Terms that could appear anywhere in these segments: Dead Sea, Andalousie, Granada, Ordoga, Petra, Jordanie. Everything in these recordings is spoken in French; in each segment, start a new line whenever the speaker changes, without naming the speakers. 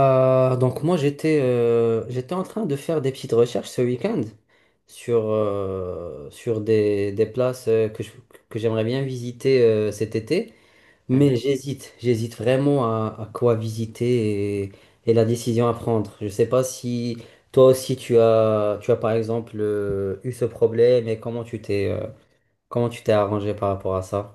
Donc moi j'étais j'étais en train de faire des petites recherches ce week-end sur, sur des places que j'aimerais bien visiter cet été, mais
Mhm,
j'hésite vraiment à quoi visiter et la décision à prendre. Je sais pas si toi aussi tu as par exemple eu ce problème et comment tu t'es arrangé par rapport à ça?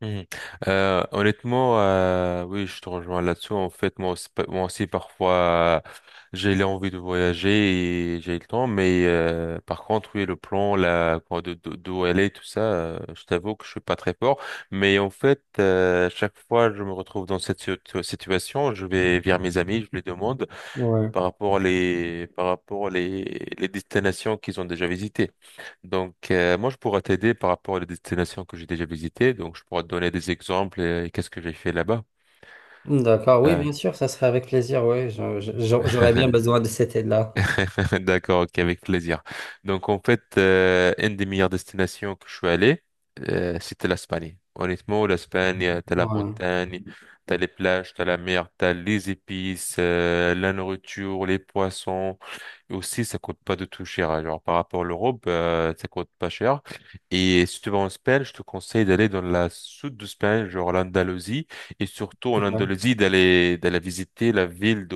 mhm. Honnêtement, oui, je te rejoins là-dessus. En fait, moi aussi, parfois, j'ai l'envie de voyager et j'ai le temps, mais par contre, oui, le plan, là, quoi, d'où aller, tout ça, je t'avoue que je suis pas très fort. Mais en fait, chaque fois, je me retrouve dans cette situation, je vais vers mes amis, je les demande.
Ouais.
Par rapport à les destinations qu'ils ont déjà visitées. Donc, moi, je pourrais t'aider par rapport à les destinations que j'ai déjà visitées. Donc, je pourrais te donner des exemples et, qu'est-ce que j'ai fait là-bas.
D'accord, oui,
Euh,
bien sûr, ça serait avec plaisir, oui. J'aurais bien besoin de cette aide-là.
d'accord, ok, avec plaisir. Donc, en fait, une des meilleures destinations que je suis allé, c'était l'Espagne. Honnêtement, l'Espagne, t'as la montagne, t'as les plages, t'as la mer, t'as les épices, la nourriture, les poissons. Aussi, ça coûte pas du tout cher. Hein. Genre, par rapport à l'Europe, ça coûte pas cher. Et si tu vas en Espagne, je te conseille d'aller dans la sud de l'Espagne, genre l'Andalousie, et surtout en
Ouais,
Andalousie, d'aller visiter la ville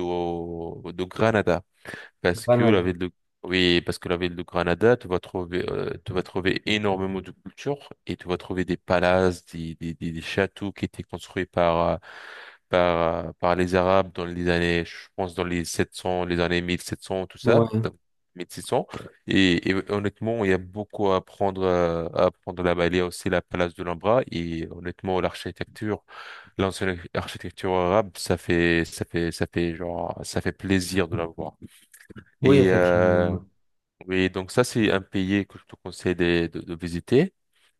de Granada. Parce que la
Granada.
ville de Oui, parce que la ville de Granada, tu vas trouver, énormément de culture et tu vas trouver des palaces, des châteaux qui étaient construits par les Arabes dans les années, je pense, dans les 700 les années 1700 tout ça,
Ouais.
donc 1600. Et honnêtement, il y a beaucoup à apprendre là-bas. Il y a aussi la place de l'Ambra et honnêtement, l'architecture, l'ancienne architecture arabe, ça fait plaisir de la voir.
Oui,
Et
effectivement.
oui, donc ça c'est un pays que je te conseille de visiter.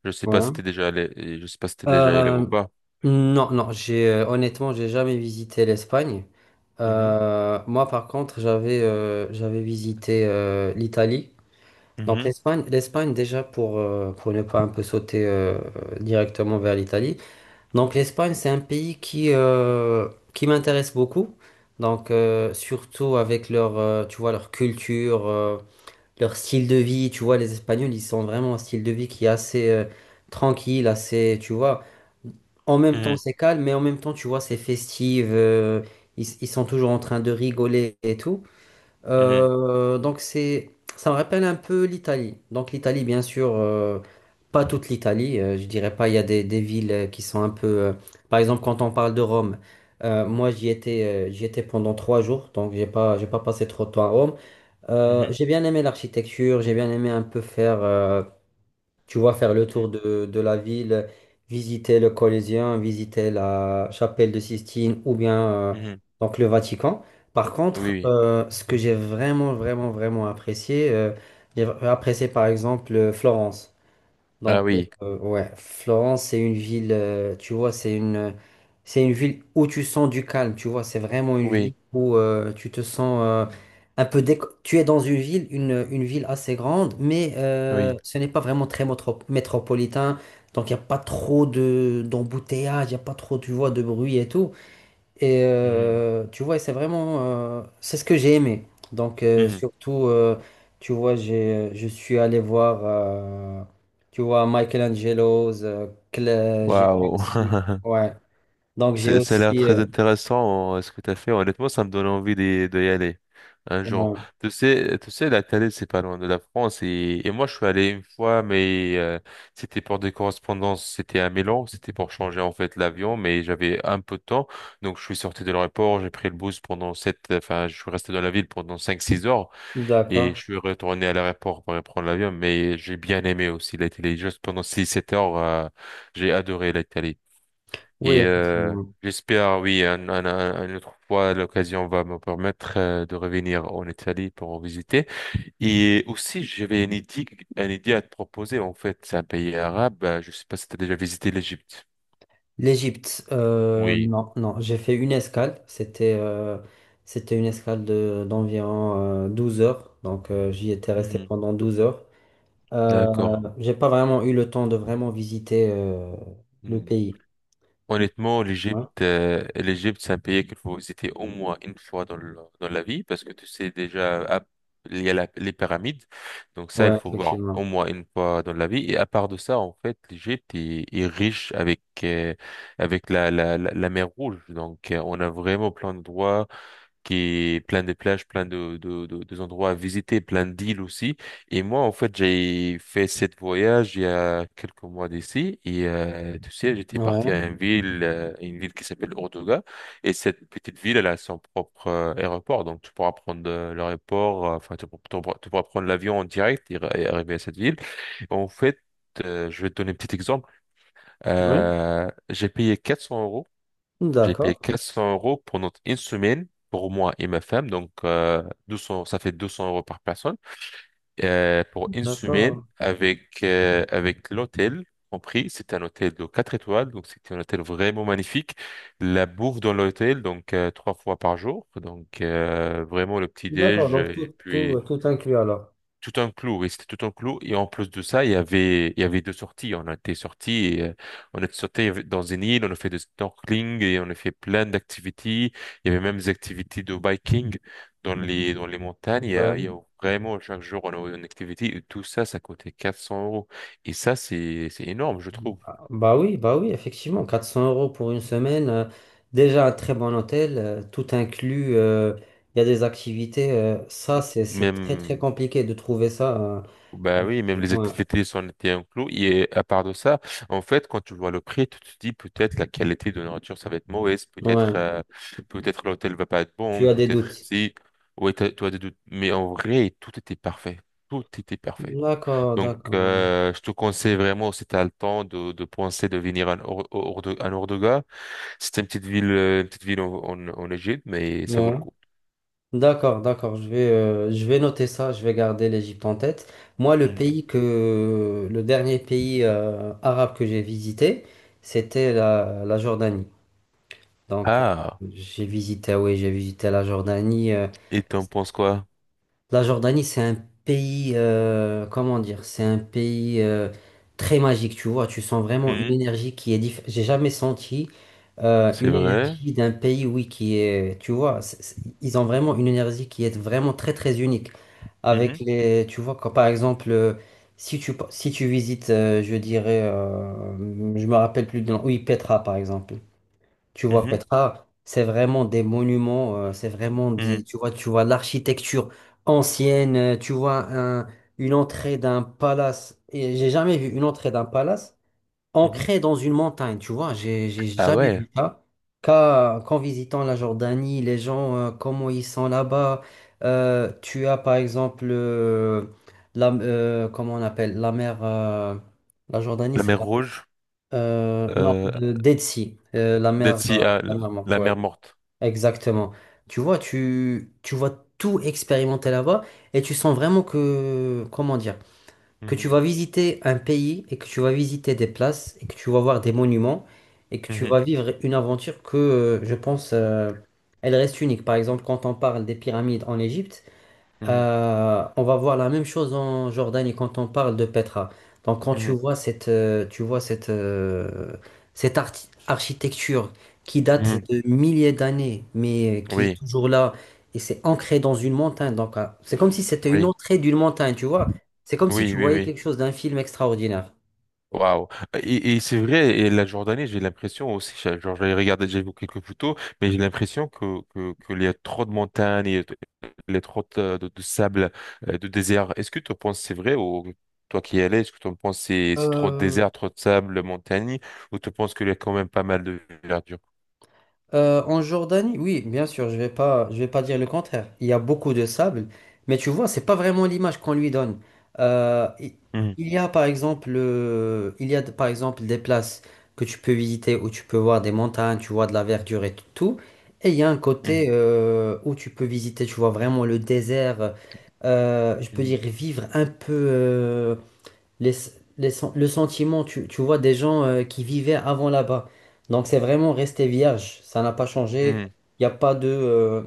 Je sais pas si
Voilà.
t'es déjà allé, et je sais pas si t'es déjà allé ou
Euh,
pas.
non, non, j'ai honnêtement, j'ai jamais visité l'Espagne.
Mhm,
Moi, par contre, j'avais j'avais visité l'Italie. Donc
mhm,
l'Espagne déjà pour ne pas un peu sauter directement vers l'Italie. Donc l'Espagne, c'est un pays qui m'intéresse beaucoup. Donc surtout avec leur tu vois leur culture. Leur style de vie, tu vois, les Espagnols, ils sont vraiment un style de vie qui est assez tranquille, assez, tu vois, en même temps
mhm,
c'est calme, mais en même temps, tu vois, c'est festif, ils sont toujours en train de rigoler et tout. Euh, donc c'est, Ça me rappelle un peu l'Italie. Donc l'Italie, bien sûr, pas toute l'Italie, je dirais pas, il y a des villes qui sont un peu, par exemple, quand on parle de Rome. Moi, j'y étais pendant 3 jours, donc j'ai pas passé trop de temps à Rome.
mhm,
J'ai bien aimé l'architecture, j'ai bien aimé un peu faire, tu vois, faire le tour
mhm,
de la ville, visiter le Colisée, visiter la chapelle de Sistine ou bien euh,
mhm, mhm.
donc le Vatican. Par
Oui,
contre,
oui.
ce que j'ai vraiment, vraiment, vraiment apprécié, j'ai apprécié par exemple Florence.
Ah
Donc,
oui,
ouais, Florence, c'est une ville, tu vois, c'est une ville où tu sens du calme, tu vois, c'est vraiment une ville
oui,
où tu te sens Tu es dans une ville, une ville assez grande, mais
oui.
ce n'est pas vraiment très métropolitain, donc il n'y a pas trop d'embouteillage, il n'y a pas trop, tu vois, de bruit et tout. Et
Mhm,
tu vois, c'est vraiment, c'est ce que j'ai aimé. Donc,
mhm.
tu vois, je suis allé voir, tu vois, Michelangelo's, j'ai
Waouh.
aussi, ouais. Donc, j'ai
Ça a l'air
aussi,
très intéressant, ce que tu as fait. Honnêtement, ça me donne envie d'y aller un jour.
ouais.
Tu sais, la Thaïlande, c'est pas loin de la France. Et moi, je suis allé une fois, mais c'était pour des correspondances. C'était à Milan. C'était pour changer, en fait, l'avion. Mais j'avais un peu de temps. Donc, je suis sorti de l'aéroport. J'ai pris le bus pendant sept, enfin, je suis resté dans la ville pendant cinq, six heures. Et je
D'accord.
suis retourné à l'aéroport pour reprendre l'avion. Mais j'ai bien aimé aussi l'Italie. Juste pendant six, sept heures, j'ai adoré l'Italie.
Oui,
Et
effectivement.
j'espère, oui, une autre fois, l'occasion va me permettre de revenir en Italie pour en visiter. Et aussi, j'avais une idée à te proposer. En fait, c'est un pays arabe. Je sais pas si tu as déjà visité l'Égypte.
L'Égypte,
Oui.
non, non, j'ai fait une escale. C'était une escale de, d'environ 12 heures. Donc, j'y étais resté
Mhm.
pendant 12 heures.
D'accord.
J'ai pas vraiment eu le temps de vraiment visiter le pays.
Honnêtement,
Ouais,
l'Égypte, c'est un pays qu'il faut visiter au moins une fois dans la vie parce que tu sais déjà, il y a les pyramides. Donc ça, il
ouais,
faut voir
effectivement.
au moins une fois dans la vie. Et à part de ça, en fait, l'Égypte est riche avec la mer Rouge. Donc on a vraiment plein d'endroits qui est plein de plages, plein des endroits à visiter, plein d'îles aussi. Et moi, en fait, j'ai fait cette voyage il y a quelques mois d'ici. Et tu sais, j'étais parti
Ouais.
à une ville qui s'appelle Ordoga. Et cette petite ville, elle a son propre aéroport. Donc, tu pourras prendre enfin, tu pourras prendre l'avion en direct et et arriver à cette ville. En fait, je vais te donner un petit exemple.
Oui.
J'ai payé 400 €, j'ai payé
D'accord,
400 € pendant une semaine pour moi et ma femme. Donc, 200, ça fait 200 € par personne. Pour une semaine
d'accord.
avec l'hôtel compris. C'est un hôtel de 4 étoiles. Donc, c'était un hôtel vraiment magnifique. La bouffe dans l'hôtel, donc, trois fois par jour. Donc, vraiment le
D'accord,
petit-déj
donc
et
tout, tout,
puis
tout inclus alors.
tout un clou, oui, c'était tout un clou. Et en plus de ça, il y avait deux sorties. On a été sortis, on a sauté dans une île, on a fait du snorkeling et on a fait plein d'activités. Il y avait même des activités de biking dans les montagnes. Il y a, il y
Ouais.
a vraiment chaque jour, on a une activité. Et tout ça, ça coûtait 400 euros. Et ça, c'est énorme, je trouve.
Bah bah oui, effectivement. 400 euros pour une semaine, déjà un très bon hôtel, tout inclus, il y a des activités. Ça, c'est très très
Même
compliqué de trouver ça.
Bah oui, même les
Ouais,
activités sont été incluses. Et à part de ça, en fait, quand tu vois le prix, tu te dis peut-être la qualité de nourriture, ça va être mauvaise, peut-être
ouais.
peut-être l'hôtel va pas être
Tu
bon,
as des
peut-être
doutes.
si. Ouais, tu as des doutes. Mais en vrai, tout était parfait. Tout était parfait.
D'accord,
Donc,
d'accord.
je te conseille vraiment, si tu as le temps, de penser de venir à à Ordoga. C'est une petite ville en Égypte, mais ça vaut
Ouais.
le coup.
D'accord, d'accord, je vais noter ça, je vais garder l'Égypte en tête. Moi,
Mhm.
le dernier pays arabe que j'ai visité, c'était la Jordanie. Donc,
Ah,
j'ai visité, ah oui, j'ai visité la Jordanie.
et t'en penses quoi?
La Jordanie, c'est un pays, comment dire, c'est un pays très magique, tu vois. Tu sens vraiment une
Mhm.
énergie qui est différente. J'ai jamais senti
C'est
une
vrai?
énergie d'un pays, oui, qui est, tu vois, ils ont vraiment une énergie qui est vraiment très, très unique. Avec
Mhm.
les, tu vois, quand par exemple, si tu visites, je dirais, je me rappelle plus de nom, oui, Petra, par exemple. Tu vois,
Mhm.
Petra, c'est vraiment des monuments, c'est vraiment des,
Mhm,
tu vois l'architecture ancienne, une entrée d'un palace. Et j'ai jamais vu une entrée d'un palace
mhm.
ancrée dans une montagne, tu vois, j'ai
Ah
jamais
ouais,
vu ça. Qu'en visitant la Jordanie, les gens, comment ils sont là-bas. Tu as par exemple, la, comment on appelle, la mer, la Jordanie,
la
c'est
mer Rouge,
non,
euh,
de Dead Sea,
Dead Sea, ah,
la mer morte,
la
ouais.
mer Morte.
Exactement. Tu vois, tu vas tout expérimenter là-bas et tu sens vraiment que, comment dire, que tu vas
Mhm,
visiter un pays et que tu vas visiter des places et que tu vas voir des monuments et que tu
mhm,
vas vivre une aventure que, je pense, elle reste unique. Par exemple, quand on parle des pyramides en Égypte,
mhm,
on va voir la même chose en Jordanie quand on parle de Petra. Donc quand
mhm,
tu vois cette, cette architecture qui date
mhm.
de milliers d'années, mais qui est
Oui,
toujours là, et c'est ancré dans une montagne. Donc c'est comme si c'était une
oui,
entrée d'une montagne, tu vois. C'est comme si
oui,
tu
oui,
voyais
oui.
quelque chose d'un film extraordinaire.
Waouh. Et c'est vrai, et la Jordanie, j'ai l'impression aussi, genre j'ai regardé, j'ai vu quelques photos, mais j'ai l'impression que il y a trop de montagnes, et y il y a trop de sable, de désert. Est-ce que tu penses que c'est vrai ou toi qui y allais, est-ce que tu penses que c'est trop de
Euh,
désert, trop de sable, montagne, ou tu penses qu'il y a quand même pas mal de verdure?
En Jordanie, oui, bien sûr, je vais pas dire le contraire. Il y a beaucoup de sable, mais tu vois, c'est pas vraiment l'image qu'on lui donne. Euh, i- il y a par exemple, il y a par exemple des places que tu peux visiter où tu peux voir des montagnes, tu vois de la verdure et tout. Et il y a un côté
Mhm,
où tu peux visiter, tu vois vraiment le désert. Je peux
mhm,
dire vivre un peu. Les- le sentiment, tu vois, des gens qui vivaient avant là-bas. Donc c'est vraiment resté vierge, ça n'a pas changé.
mhm,
Il n'y a pas de,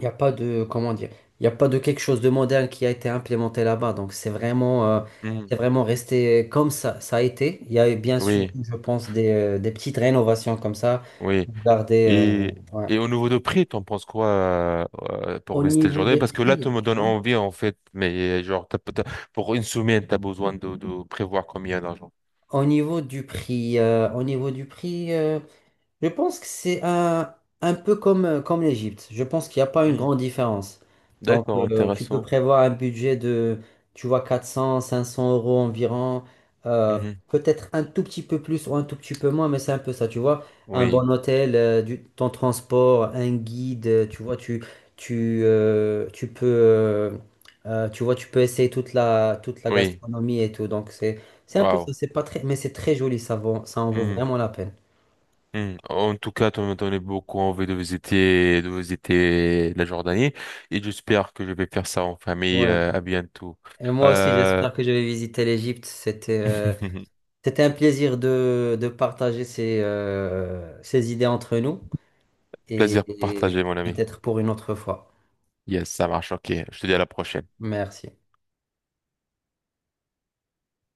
comment dire, il n'y a pas de quelque chose de moderne qui a été implémenté là-bas. Donc
mhm.
c'est vraiment resté comme ça a été. Il y a bien sûr,
Oui,
je pense, des petites rénovations comme ça
oui.
pour garder.
Et,
Ouais.
et au niveau de prix, t'en penses quoi pour
Au
visiter le
niveau
Jordanie.
des
Parce que là, tu
prix,
me donnes
hein,
envie, en fait, mais genre, pour une semaine, tu as besoin de prévoir combien d'argent.
au niveau du prix, je pense que un peu comme, comme l'Égypte. Je pense qu'il n'y a pas une
Mhm.
grande différence. Donc,
D'accord,
tu peux
intéressant.
prévoir un budget de, tu vois, 400, 500 euros environ. euh,
Mhm.
Peut-être un tout petit peu plus ou un tout petit peu moins, mais c'est un peu ça, tu vois. Un
Oui,
bon hôtel, ton transport, un guide, tu vois, tu peux, tu vois, tu peux essayer toute toute la
oui.
gastronomie et tout. C'est un peu ça.
Waouh.
C'est pas très, mais c'est très joli. Ça en vaut
Mhm,
vraiment la peine.
mhm. En tout cas, tu me donnes beaucoup envie de visiter la Jordanie et j'espère que je vais faire ça en famille.
Ouais.
À bientôt.
Et moi aussi,
Euh...
j'espère que je vais visiter l'Égypte. C'était c'était un plaisir de partager ces, ces idées entre nous
Plaisir
et
partagé, mon ami.
peut-être pour une autre fois.
Yes, ça marche. Ok, je te dis à la prochaine.
Merci.